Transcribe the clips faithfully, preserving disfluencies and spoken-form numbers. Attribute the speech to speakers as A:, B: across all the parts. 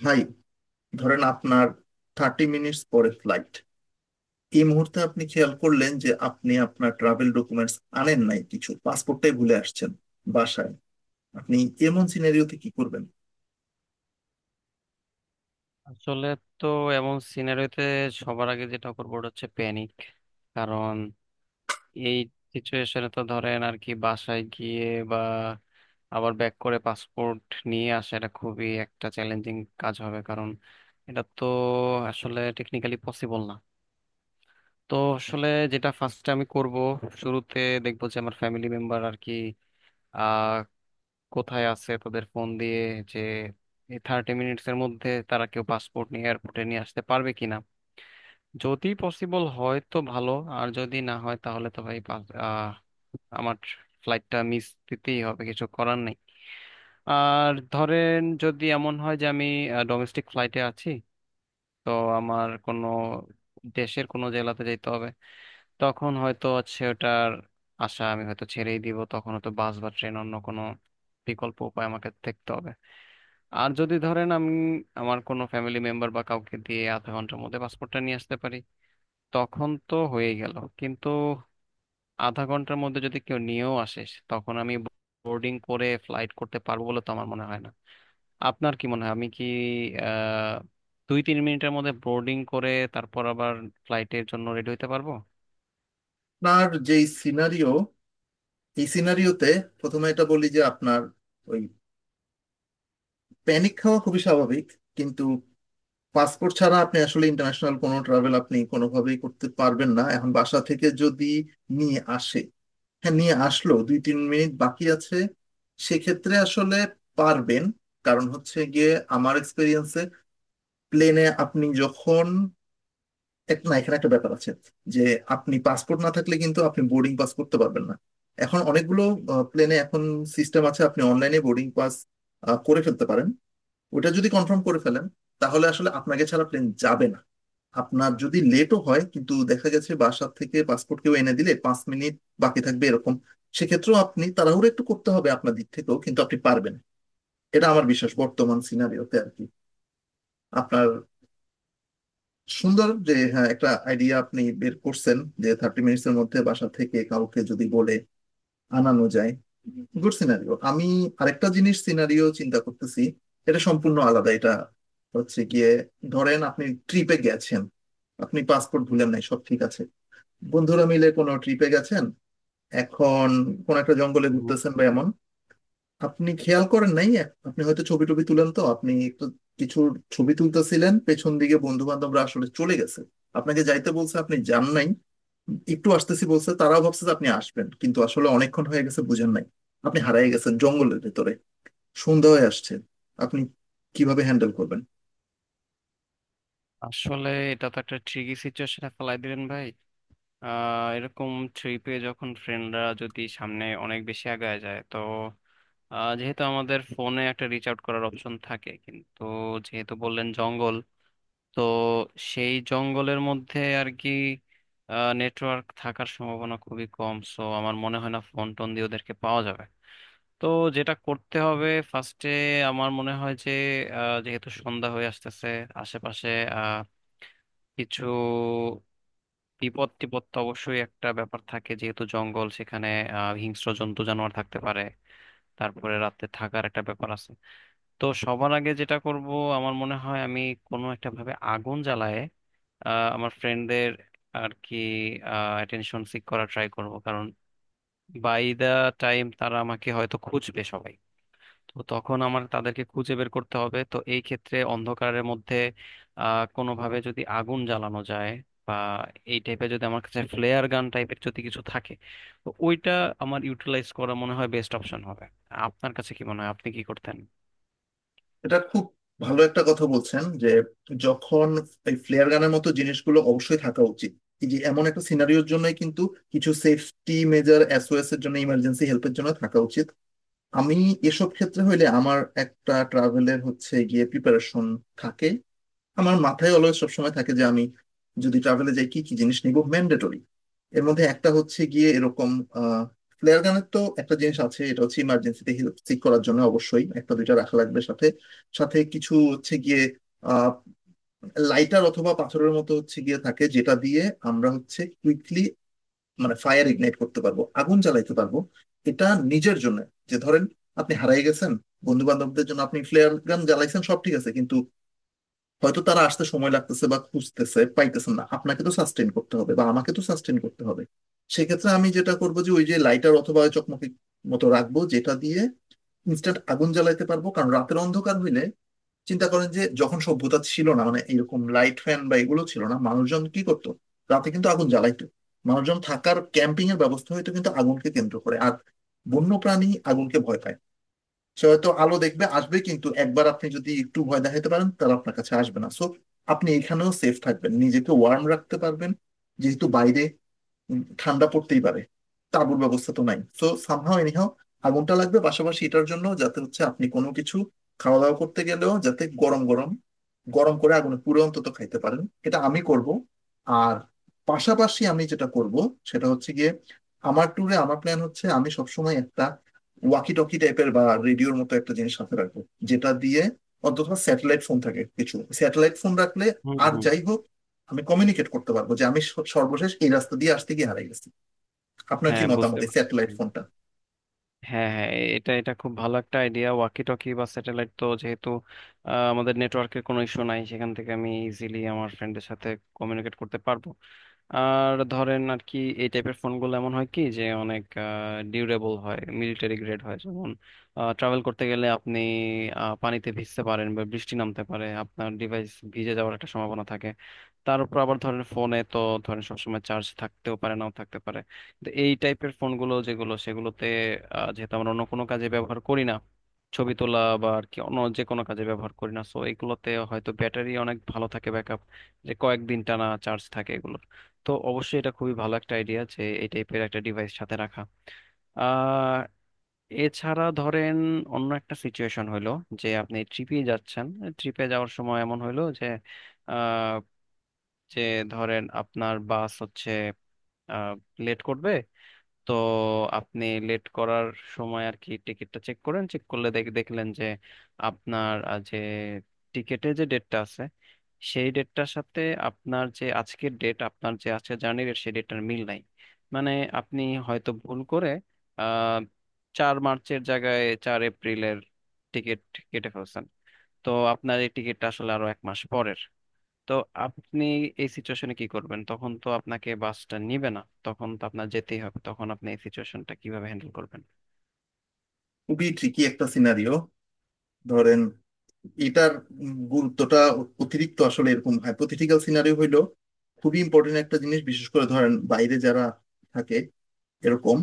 A: ভাই ধরেন আপনার থার্টি মিনিটস পরে ফ্লাইট। এই মুহূর্তে আপনি খেয়াল করলেন যে আপনি আপনার ট্রাভেল ডকুমেন্টস আনেন নাই কিছু পাসপোর্টটাই ভুলে আসছেন বাসায়। আপনি এমন সিনারিওতে কি করবেন?
B: আসলে তো এমন সিনারিওতে সবার আগে যেটা করবো ওটা হচ্ছে প্যানিক। কারণ এই সিচুয়েশনে তো ধরেন আর কি বাসায় গিয়ে বা আবার ব্যাক করে পাসপোর্ট নিয়ে আসা এটা খুবই একটা চ্যালেঞ্জিং কাজ হবে। কারণ এটা তো আসলে টেকনিক্যালি পসিবল না। তো আসলে যেটা ফার্স্টে আমি করব, শুরুতে দেখবো যে আমার ফ্যামিলি মেম্বার আর কি কোথায় আছে, তাদের ফোন দিয়ে যে এই থার্টি মিনিটস এর মধ্যে তারা কেউ পাসপোর্ট নিয়ে এয়ারপোর্টে নিয়ে আসতে পারবে কিনা। যদি পসিবল হয় তো ভালো। আর যদি না হয় তাহলে তো ভাই পাস- আহ, আমার ফ্লাইটটা মিস দিতেই হবে, কিছু করার নেই। আর ধরেন যদি এমন হয় যে আমি ডোমেস্টিক ফ্লাইটে আছি, তো আমার কোনো দেশের কোনো জেলাতে যেতে হবে, তখন হয়তো হচ্ছে ওটার আশা আমি হয়তো ছেড়েই দিব। তখন হয়তো বাস বা ট্রেন অন্য কোনো বিকল্প উপায় আমাকে দেখতে হবে। আর যদি ধরেন আমি আমার কোনো ফ্যামিলি মেম্বার বা কাউকে দিয়ে আধা ঘন্টার মধ্যে পাসপোর্টটা নিয়ে আসতে পারি, তখন তো হয়ে গেল। কিন্তু আধা ঘন্টার মধ্যে যদি কেউ নিয়েও আসে তখন আমি বোর্ডিং করে ফ্লাইট করতে পারবো বলে তো আমার মনে হয় না। আপনার কি মনে হয়, আমি কি আহ দুই তিন মিনিটের মধ্যে বোর্ডিং করে তারপর আবার ফ্লাইটের জন্য রেডি হতে পারবো?
A: আপনার যে সিনারিও, এই সিনারিওতে প্রথমে এটা বলি যে আপনার ওই প্যানিক খাওয়া খুবই স্বাভাবিক। কিন্তু পাসপোর্ট ছাড়া আপনি আসলে ইন্টারন্যাশনাল কোনো ট্রাভেল আপনি কোনোভাবেই করতে পারবেন না। এখন বাসা থেকে যদি নিয়ে আসে, হ্যাঁ নিয়ে আসলো, দুই তিন মিনিট বাকি আছে, সেক্ষেত্রে আসলে পারবেন। কারণ হচ্ছে গিয়ে আমার এক্সপিরিয়েন্সে প্লেনে আপনি যখন এক না, এখানে একটা ব্যাপার আছে যে আপনি পাসপোর্ট না থাকলে কিন্তু আপনি বোর্ডিং পাস করতে পারবেন না। এখন অনেকগুলো প্লেনে এখন সিস্টেম আছে আপনি অনলাইনে বোর্ডিং পাস করে ফেলতে পারেন। ওটা যদি কনফার্ম করে ফেলেন তাহলে আসলে আপনাকে ছাড়া প্লেন যাবে না। আপনার যদি লেটও হয় কিন্তু দেখা গেছে বাসার থেকে পাসপোর্ট কেউ এনে দিলে পাঁচ মিনিট বাকি থাকবে এরকম, সেক্ষেত্রেও আপনি তাড়াহুড়ো একটু করতে হবে আপনার দিক থেকেও কিন্তু আপনি পারবেন। এটা আমার বিশ্বাস বর্তমান সিনারিওতে আর কি। আপনার সুন্দর যে, হ্যাঁ, একটা আইডিয়া আপনি বের করছেন যে থার্টি মিনিটস এর মধ্যে বাসা থেকে কাউকে যদি বলে আনানো যায়, গুড সিনারিও। আমি আরেকটা জিনিস সিনারিও চিন্তা করতেছি, এটা সম্পূর্ণ আলাদা। এটা হচ্ছে গিয়ে ধরেন আপনি ট্রিপে গেছেন, আপনি পাসপোর্ট ভুলেন নাই, সব ঠিক আছে। বন্ধুরা মিলে কোনো ট্রিপে গেছেন। এখন কোন একটা জঙ্গলে
B: হুম।
A: ঘুরতেছেন বা এমন। আপনি খেয়াল করেন নাই, আপনি হয়তো ছবি টবি তুলেন, তো আপনি একটু কিছু ছবি তুলতেছিলেন, পেছন দিকে বন্ধু বান্ধবরা আসলে চলে গেছে। আপনাকে যাইতে বলছে, আপনি যান নাই, একটু আসতেছি বলছে, তারাও ভাবছে যে আপনি আসবেন কিন্তু আসলে অনেকক্ষণ হয়ে গেছে বুঝেন নাই। আপনি হারিয়ে গেছেন জঙ্গলের ভেতরে, সন্ধ্যা হয়ে আসছে, আপনি কিভাবে হ্যান্ডেল করবেন?
B: আসলে এটা তো একটা ট্রিকি সিচুয়েশনে ফেলাই দিলেন ভাই। আহ এরকম ট্রিপে যখন ফ্রেন্ডরা যদি সামনে অনেক বেশি আগায় যায়, তো আহ, যেহেতু আমাদের ফোনে একটা রিচ আউট করার অপশন থাকে, কিন্তু যেহেতু বললেন জঙ্গল, তো সেই জঙ্গলের মধ্যে আর কি নেটওয়ার্ক থাকার সম্ভাবনা খুবই কম। সো আমার মনে হয় না ফোন টোন দিয়ে ওদেরকে পাওয়া যাবে। তো যেটা করতে হবে ফার্স্টে, আমার মনে হয় যে আহ, যেহেতু সন্ধ্যা হয়ে আসতেছে, আশেপাশে আহ, কিছু বিপদ টিপদ তো অবশ্যই একটা ব্যাপার থাকে, যেহেতু জঙ্গল, সেখানে আহ হিংস্র জন্তু জানোয়ার থাকতে পারে। তারপরে রাতে থাকার একটা ব্যাপার আছে। তো সবার আগে যেটা করব, আমার মনে হয় আমি কোনো একটা ভাবে আগুন জ্বালায়ে আহ, আমার ফ্রেন্ডদের আর কি অ্যাটেনশন সিক করা ট্রাই করব। কারণ বাই দা টাইম তারা আমাকে হয়তো খুঁজবে সবাই। তো তখন আমার তাদেরকে খুঁজে বের করতে হবে, তো এই ক্ষেত্রে অন্ধকারের মধ্যে আহ কোনোভাবে যদি আগুন জ্বালানো যায়, বা এই টাইপের যদি আমার কাছে ফ্লেয়ার গান টাইপের যদি কিছু থাকে তো ওইটা আমার ইউটিলাইজ করা মনে হয় বেস্ট অপশন হবে। আপনার কাছে কি মনে হয়, আপনি কি করতেন?
A: এটা খুব ভালো একটা কথা বলছেন যে যখন এই ফ্লেয়ার গানের মতো জিনিসগুলো অবশ্যই থাকা উচিত এই যে এমন একটা সিনারিওর জন্যই, কিন্তু কিছু সেফটি মেজার এসওএস এর জন্য, ইমার্জেন্সি হেল্পের জন্য থাকা উচিত। আমি এসব ক্ষেত্রে হইলে আমার একটা ট্রাভেলের হচ্ছে গিয়ে প্রিপারেশন থাকে। আমার মাথায় অলওয়েজ সবসময় থাকে যে আমি যদি ট্রাভেলে যাই কি কি জিনিস নিব ম্যান্ডেটরি। এর মধ্যে একটা হচ্ছে গিয়ে এরকম ফ্লেয়ার গানের তো একটা জিনিস আছে, এটা হচ্ছে ইমার্জেন্সিতে হেল্প সিক করার জন্য অবশ্যই একটা দুইটা রাখা লাগবে সাথে। সাথে কিছু হচ্ছে গিয়ে আহ লাইটার অথবা পাথরের মতো হচ্ছে গিয়ে থাকে যেটা দিয়ে আমরা হচ্ছে কুইকলি মানে ফায়ার ইগনাইট করতে পারবো, আগুন জ্বালাইতে পারবো। এটা নিজের জন্য, যে ধরেন আপনি হারিয়ে গেছেন, বন্ধু বান্ধবদের জন্য আপনি ফ্লেয়ার গান জ্বালাইছেন সব ঠিক আছে কিন্তু হয়তো তারা আসতে সময় লাগতেছে বা খুঁজতেছে পাইতেছেন না, আপনাকে তো সাস্টেন করতে হবে বা আমাকে তো সাস্টেন করতে হবে। সেক্ষেত্রে আমি যেটা করবো যে ওই যে লাইটার অথবা ওই চকমকি মতো রাখবো যেটা দিয়ে ইনস্ট্যান্ট আগুন জ্বালাইতে পারবো কারণ রাতের অন্ধকার হইলে। চিন্তা করেন যে যখন সভ্যতা ছিল না মানে এরকম লাইট ফ্যান বা এগুলো ছিল না মানুষজন কি করতো? রাতে কিন্তু আগুন জ্বালাইতো, মানুষজন থাকার ক্যাম্পিং এর ব্যবস্থা হইতো কিন্তু আগুনকে কেন্দ্র করে। আর বন্য প্রাণী আগুনকে ভয় পায় না। সে হয়তো আলো দেখবে আসবে কিন্তু একবার আপনি যদি একটু ভয় দেখাতে পারেন তারা আপনার কাছে আসবে না। সো আপনি এখানেও সেফ থাকবেন, নিজেকে ওয়ার্ম রাখতে পারবেন, যেহেতু বাইরে উম, ঠান্ডা পড়তেই পারে। তাঁবুর ব্যবস্থা তো নাই, সো সামহাও এনিহাও আগুনটা লাগবে। পাশাপাশি এটার জন্য যাতে হচ্ছে আপনি কোনো কিছু খাওয়া দাওয়া করতে গেলেও যাতে গরম গরম, গরম করে আগুনে পুড়ে অন্তত খাইতে পারেন, এটা আমি করব। আর পাশাপাশি আমি যেটা করব সেটা হচ্ছে গিয়ে আমার ট্যুরে আমার প্ল্যান হচ্ছে আমি সবসময় একটা ওয়াকি টকি টাইপের বা রেডিওর মতো একটা জিনিস সাথে রাখবো যেটা দিয়ে। অন্তত স্যাটেলাইট ফোন থাকে, কিছু স্যাটেলাইট ফোন রাখলে
B: হুম,
A: আর
B: হুম।
A: যাই হোক আমি কমিউনিকেট করতে পারবো যে আমি স- সর্বশেষ এই রাস্তা দিয়ে আসতে গিয়ে হারিয়ে গেছি। আপনার কি
B: হ্যাঁ,
A: মতামত
B: বুঝতে
A: এই
B: পারছি
A: স্যাটেলাইট
B: ভাই।
A: ফোনটা?
B: হ্যাঁ, হ্যাঁ, এ- এটা এটা খুব ভালো একটা আইডিয়া। ওয়াকি টকি বা স্যাটেলাইট তো যেহেতু আহ, আমাদের নেটওয়ার্কের কোনো ইস্যু নাই, সেখান থেকে আমি ইজিলি আমার ফ্রেন্ডের সাথে কমিউনিকেট করতে পারবো। আর ধরেন আর কি এই টাইপের ফোনগুলো এমন হয় কি যে অনেক ডিউরেবল হয়, মিলিটারি গ্রেড হয়। যেমন ট্রাভেল করতে গেলে আপনি আহ, পানিতে ভিজতে পারেন বা বৃষ্টি নামতে পারে, আপনার ডিভাইস ভিজে যাওয়ার একটা সম্ভাবনা থাকে। তার উপর আবার ধরেন ফোনে তো ধরেন সবসময় চার্জ থাকতেও পারে নাও থাকতে পারে। তো এই টাইপের ফোনগুলো যেগুলো সেগুলোতে, আহ, যেহেতু আমরা অন্য কোনো কাজে ব্যবহার করি না, ছবি তোলা বা আর কি অন্য যে কোনো কাজে ব্যবহার করি না, সো এগুলোতে হয়তো ব্যাটারি অনেক ভালো থাকে, ব্যাকআপ যে কয়েকদিন টানা চার্জ থাকে এগুলোর। তো অবশ্যই এটা খুবই ভালো একটা আইডিয়া যে এই টাইপের একটা ডিভাইস সাথে রাখা। আহ এছাড়া ধরেন অন্য একটা সিচুয়েশন হইলো যে আপনি ট্রিপে যাচ্ছেন। ট্রিপে যাওয়ার সময় এমন হইলো যে আহ, যে ধরেন আপনার বাস হচ্ছে লেট করবে। তো আপনি লেট করার সময় আর কি টিকিটটা চেক করেন, চেক করলে দেখ- দেখলেন যে আপনার আহ, যে টিকিটে যে ডেটটা আছে সেই ডেটটার সাথে আপনার যে আজকের ডেট, আপনার যে আজকের জার্নি ডেট, সেই ডেটটার মিল নাই। মানে আপনি হয়তো ভুল করে আহ চার মার্চের জায়গায় চার এপ্রিলের টিকিট কেটে ফেলছেন। তো আপনার এই টিকিটটা আসলে আরো এক মাস পরের। তো আপনি এই সিচুয়েশনে কি করবেন? তখন তো আপনাকে বাসটা নিবে না, তখন তো আপনার যেতেই হবে। তখন আপনি এই সিচুয়েশনটা কিভাবে হ্যান্ডেল করবেন?
A: খুবই ট্রিকি একটা সিনারিও। ধরেন এটার উম, গুরুত্বটা অ- অতিরিক্ত। আসলে এরকম হাইপোথেটিক্যাল সিনারিও হইলো খুবই ইম্পর্টেন্ট একটা জিনিস, বিশেষ করে ধরেন বাইরে যারা থাকে এরকম।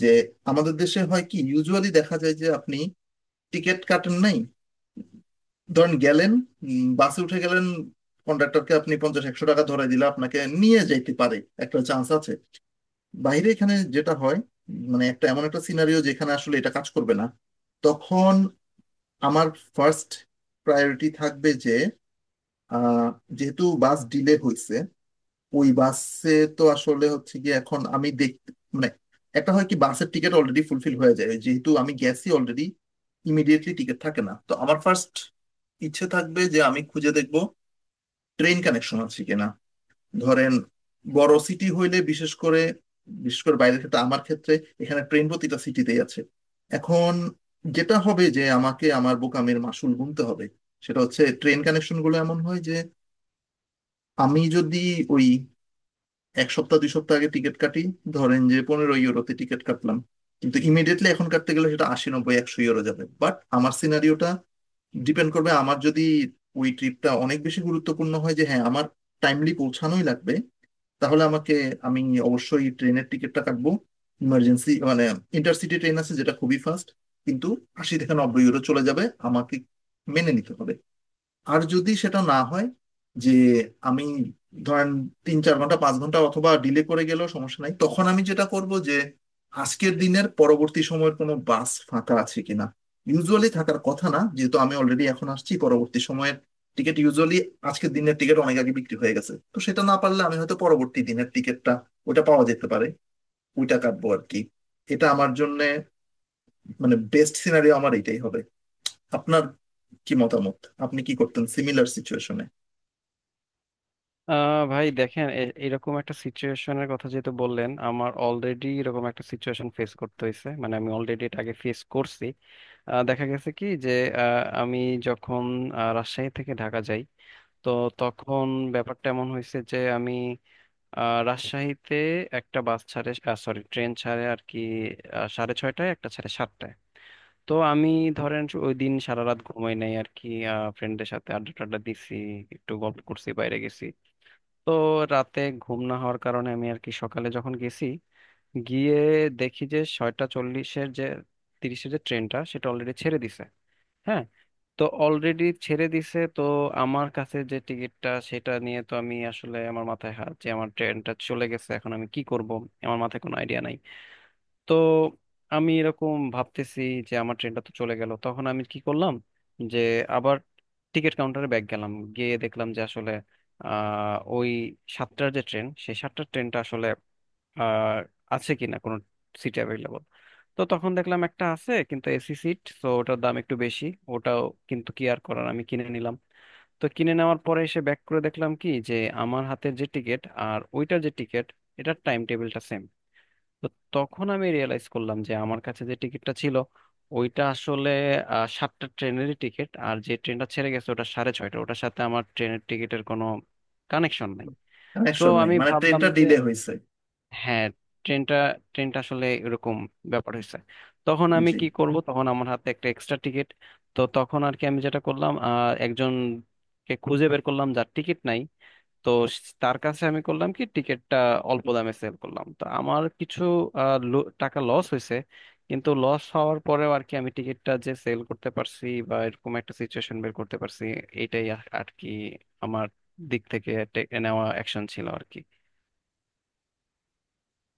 A: যে আমাদের দেশে হয় কি ইউজুয়ালি দেখা যায় যে আপনি টিকিট কাটেন নাই, ধরেন গেলেন, উম, বাসে উঠে গেলেন, কন্ডাক্টরকে আপনি পঞ্চাশ একশো টাকা ধরে দিলে আপনাকে নিয়ে যাইতে পারে, একটা চান্স আছে। বাইরে এখানে যেটা হয় মানে একটা এমন একটা সিনারিও যেখানে আসলে এটা কাজ করবে না। তখন আমার ফার্স্ট প্রায়োরিটি থাকবে যে আহ, যেহেতু বাস ডিলে হয়েছে ওই বাসে, তো আসলে হচ্ছে কি এখন আমি দেখ মানে একটা হয় কি বাসের টিকিট অলরেডি ফুলফিল হয়ে যায় যেহেতু আমি গেছি অলরেডি, ইমিডিয়েটলি টিকিট থাকে না, তো আমার ফার্স্ট ইচ্ছে থাকবে যে আমি খুঁজে দেখবো ট্রেন কানেকশন আছে কিনা। ধরেন বড় সিটি হইলে বিশেষ করে, বিশেষ করে বাইরের ক্ষেত্রে আমার ক্ষেত্রে, এখানে ট্রেন প্রতিটা সিটিতেই আছে। এখন যেটা হবে যে আমাকে আমার বোকামের মাসুল গুনতে হবে, সেটা হচ্ছে ট্রেন কানেকশন গুলো এমন হয় যে আমি যদি ওই এক সপ্তাহ দুই সপ্তাহ আগে টিকিট কাটি, ধরেন যে পনেরো ইউরোতে টিকিট কাটলাম, কিন্তু ইমিডিয়েটলি এখন কাটতে গেলে সেটা আশি নব্বই একশো ইউরো যাবে। বাট আমার সিনারিওটা ডিপেন্ড করবে আমার যদি ওই ট্রিপটা অনেক বেশি গুরুত্বপূর্ণ হয় যে হ্যাঁ আমার টাইমলি পৌঁছানোই লাগবে, তাহলে আমাকে, আমি অবশ্যই ট্রেনের টিকিটটা কাটবো। ইমার্জেন্সি মানে ইন্টারসিটি ট্রেন আছে যেটা খুবই ফাস্ট, কিন্তু আশি থেকে নব্বই ইউরো চলে যাবে, আমাকে মেনে নিতে হবে। আর যদি সেটা না হয়, যে আমি ধরেন তিন চার ঘন্টা পাঁচ ঘন্টা অথবা ডিলে করে গেলেও সমস্যা নাই, তখন আমি যেটা করব যে আজকের দিনের পরবর্তী সময়ের কোনো বাস ফাঁকা আছে কিনা। ইউজুয়ালি থাকার কথা না যেহেতু আমি অলরেডি এখন আসছি, পরবর্তী সময়ের টিকিট ইউজুয়ালি, আজকের দিনের টিকিট অনেক আগে বিক্রি হয়ে গেছে, তো সেটা না পারলে আমি হয়তো পরবর্তী দিনের টিকিটটা, ওটা পাওয়া যেতে পারে, ওইটা কাটবো আর কি। এটা আমার জন্য মানে বেস্ট সিনারিও আমার এটাই হবে। আপনার কি মতামত, আপনি কি করতেন সিমিলার সিচুয়েশনে?
B: আহ ভাই দেখেন, এ- এরকম একটা সিচুয়েশনের কথা যেহেতু বললেন, আমার অলরেডি এরকম একটা সিচুয়েশন ফেস করতে হয়েছে। মানে আমি অলরেডি এটা আগে ফেস করছি। আহ, দেখা গেছে কি যে, আহ, আমি যখন আহ, রাজশাহী থেকে ঢাকা যাই, তো তখন ব্যাপারটা এমন হয়েছে যে আমি আহ, রাজশাহীতে একটা বাস ছাড়ে, সরি ট্রেন ছাড়ে আর কি। আহ, সাড়ে ছয়টায় একটা ছাড়ে, সাতটায়। তো আমি ধরেন ওই দিন সারা রাত ঘুমাই নাই আর কি, ফ্রেন্ডের সাথে আড্ডা টাড্ডা দিছি, একটু গল্প করছি, বাইরে গেছি। তো রাতে ঘুম না হওয়ার কারণে আমি আর কি সকালে যখন গেছি, গিয়ে দেখি যে ছয়টা চল্লিশের যে তিরিশের যে ট্রেনটা সেটা অলরেডি ছেড়ে দিছে। হ্যাঁ। তো অলরেডি ছেড়ে দিছে। তো আমার কাছে যে টিকিটটা সেটা নিয়ে তো আমি আসলে আমার মাথায় হাত, যে আমার ট্রেনটা চলে গেছে, এখন আমি কি করব, আমার মাথায় কোনো আইডিয়া নাই। তো আমি এরকম ভাবতেছি যে আমার ট্রেনটা তো চলে গেল, তখন আমি কি করলাম, যে আবার টিকিট কাউন্টারে ব্যাক গেলাম, গিয়ে দেখলাম যে আসলে আহ ওই সাতটার যে ট্রেন, সেই সাতটার ট্রেনটা আসলে আহ আছে কিনা কোনো সিট অ্যাভেলেবল। তো তখন দেখলাম একটা আছে, কিন্তু এসি সিট তো ওটার দাম একটু বেশি ওটাও, কিন্তু কি আর করার, আমি কিনে নিলাম। তো কিনে নেওয়ার পরে এসে ব্যাক করে দেখলাম কি যে, আমার হাতের যে টিকিট আর ওইটার যে টিকিট, এটার টাইম টেবিলটা সেম। তো তখন আমি রিয়েলাইজ করলাম যে আমার কাছে যে টিকিটটা ছিল ওইটা আসলে আহ, সাতটা ট্রেনেরই টিকিট, আর যে ট্রেনটা ছেড়ে গেছে ওটা সাড়ে ছয়টা, ওটার সাথে আমার ট্রেনের টিকিটের কোনো কানেকশন নাই। সো
A: কানেকশন নাই
B: আমি
A: মানে
B: ভাবলাম
A: ট্রেনটা
B: যে
A: ডিলে হয়েছে?
B: হ্যাঁ, ট্রেনটা ট্রেনটা আসলে এরকম ব্যাপার হয়েছে। তখন আমি
A: জি।
B: কি করব, তখন আমার হাতে একটা এক্সট্রা টিকিট। তো তখন আর কি আমি যেটা করলাম, আহ, একজনকে খুঁজে বের করলাম যার টিকিট নাই। তো তার কাছে আমি করলাম কি, টিকিটটা অল্প দামে সেল করলাম। তো আমার কিছু আহ, লো- টাকা লস হয়েছে। কিন্তু লস হওয়ার পরেও আর কি আমি টিকিটটা যে সেল করতে পারছি বা এরকম একটা সিচুয়েশন বের করতে পারছি, এটাই আর আর কি আমার দিক থেকে টে- নেওয়া অ্যাকশন ছিল আর কি।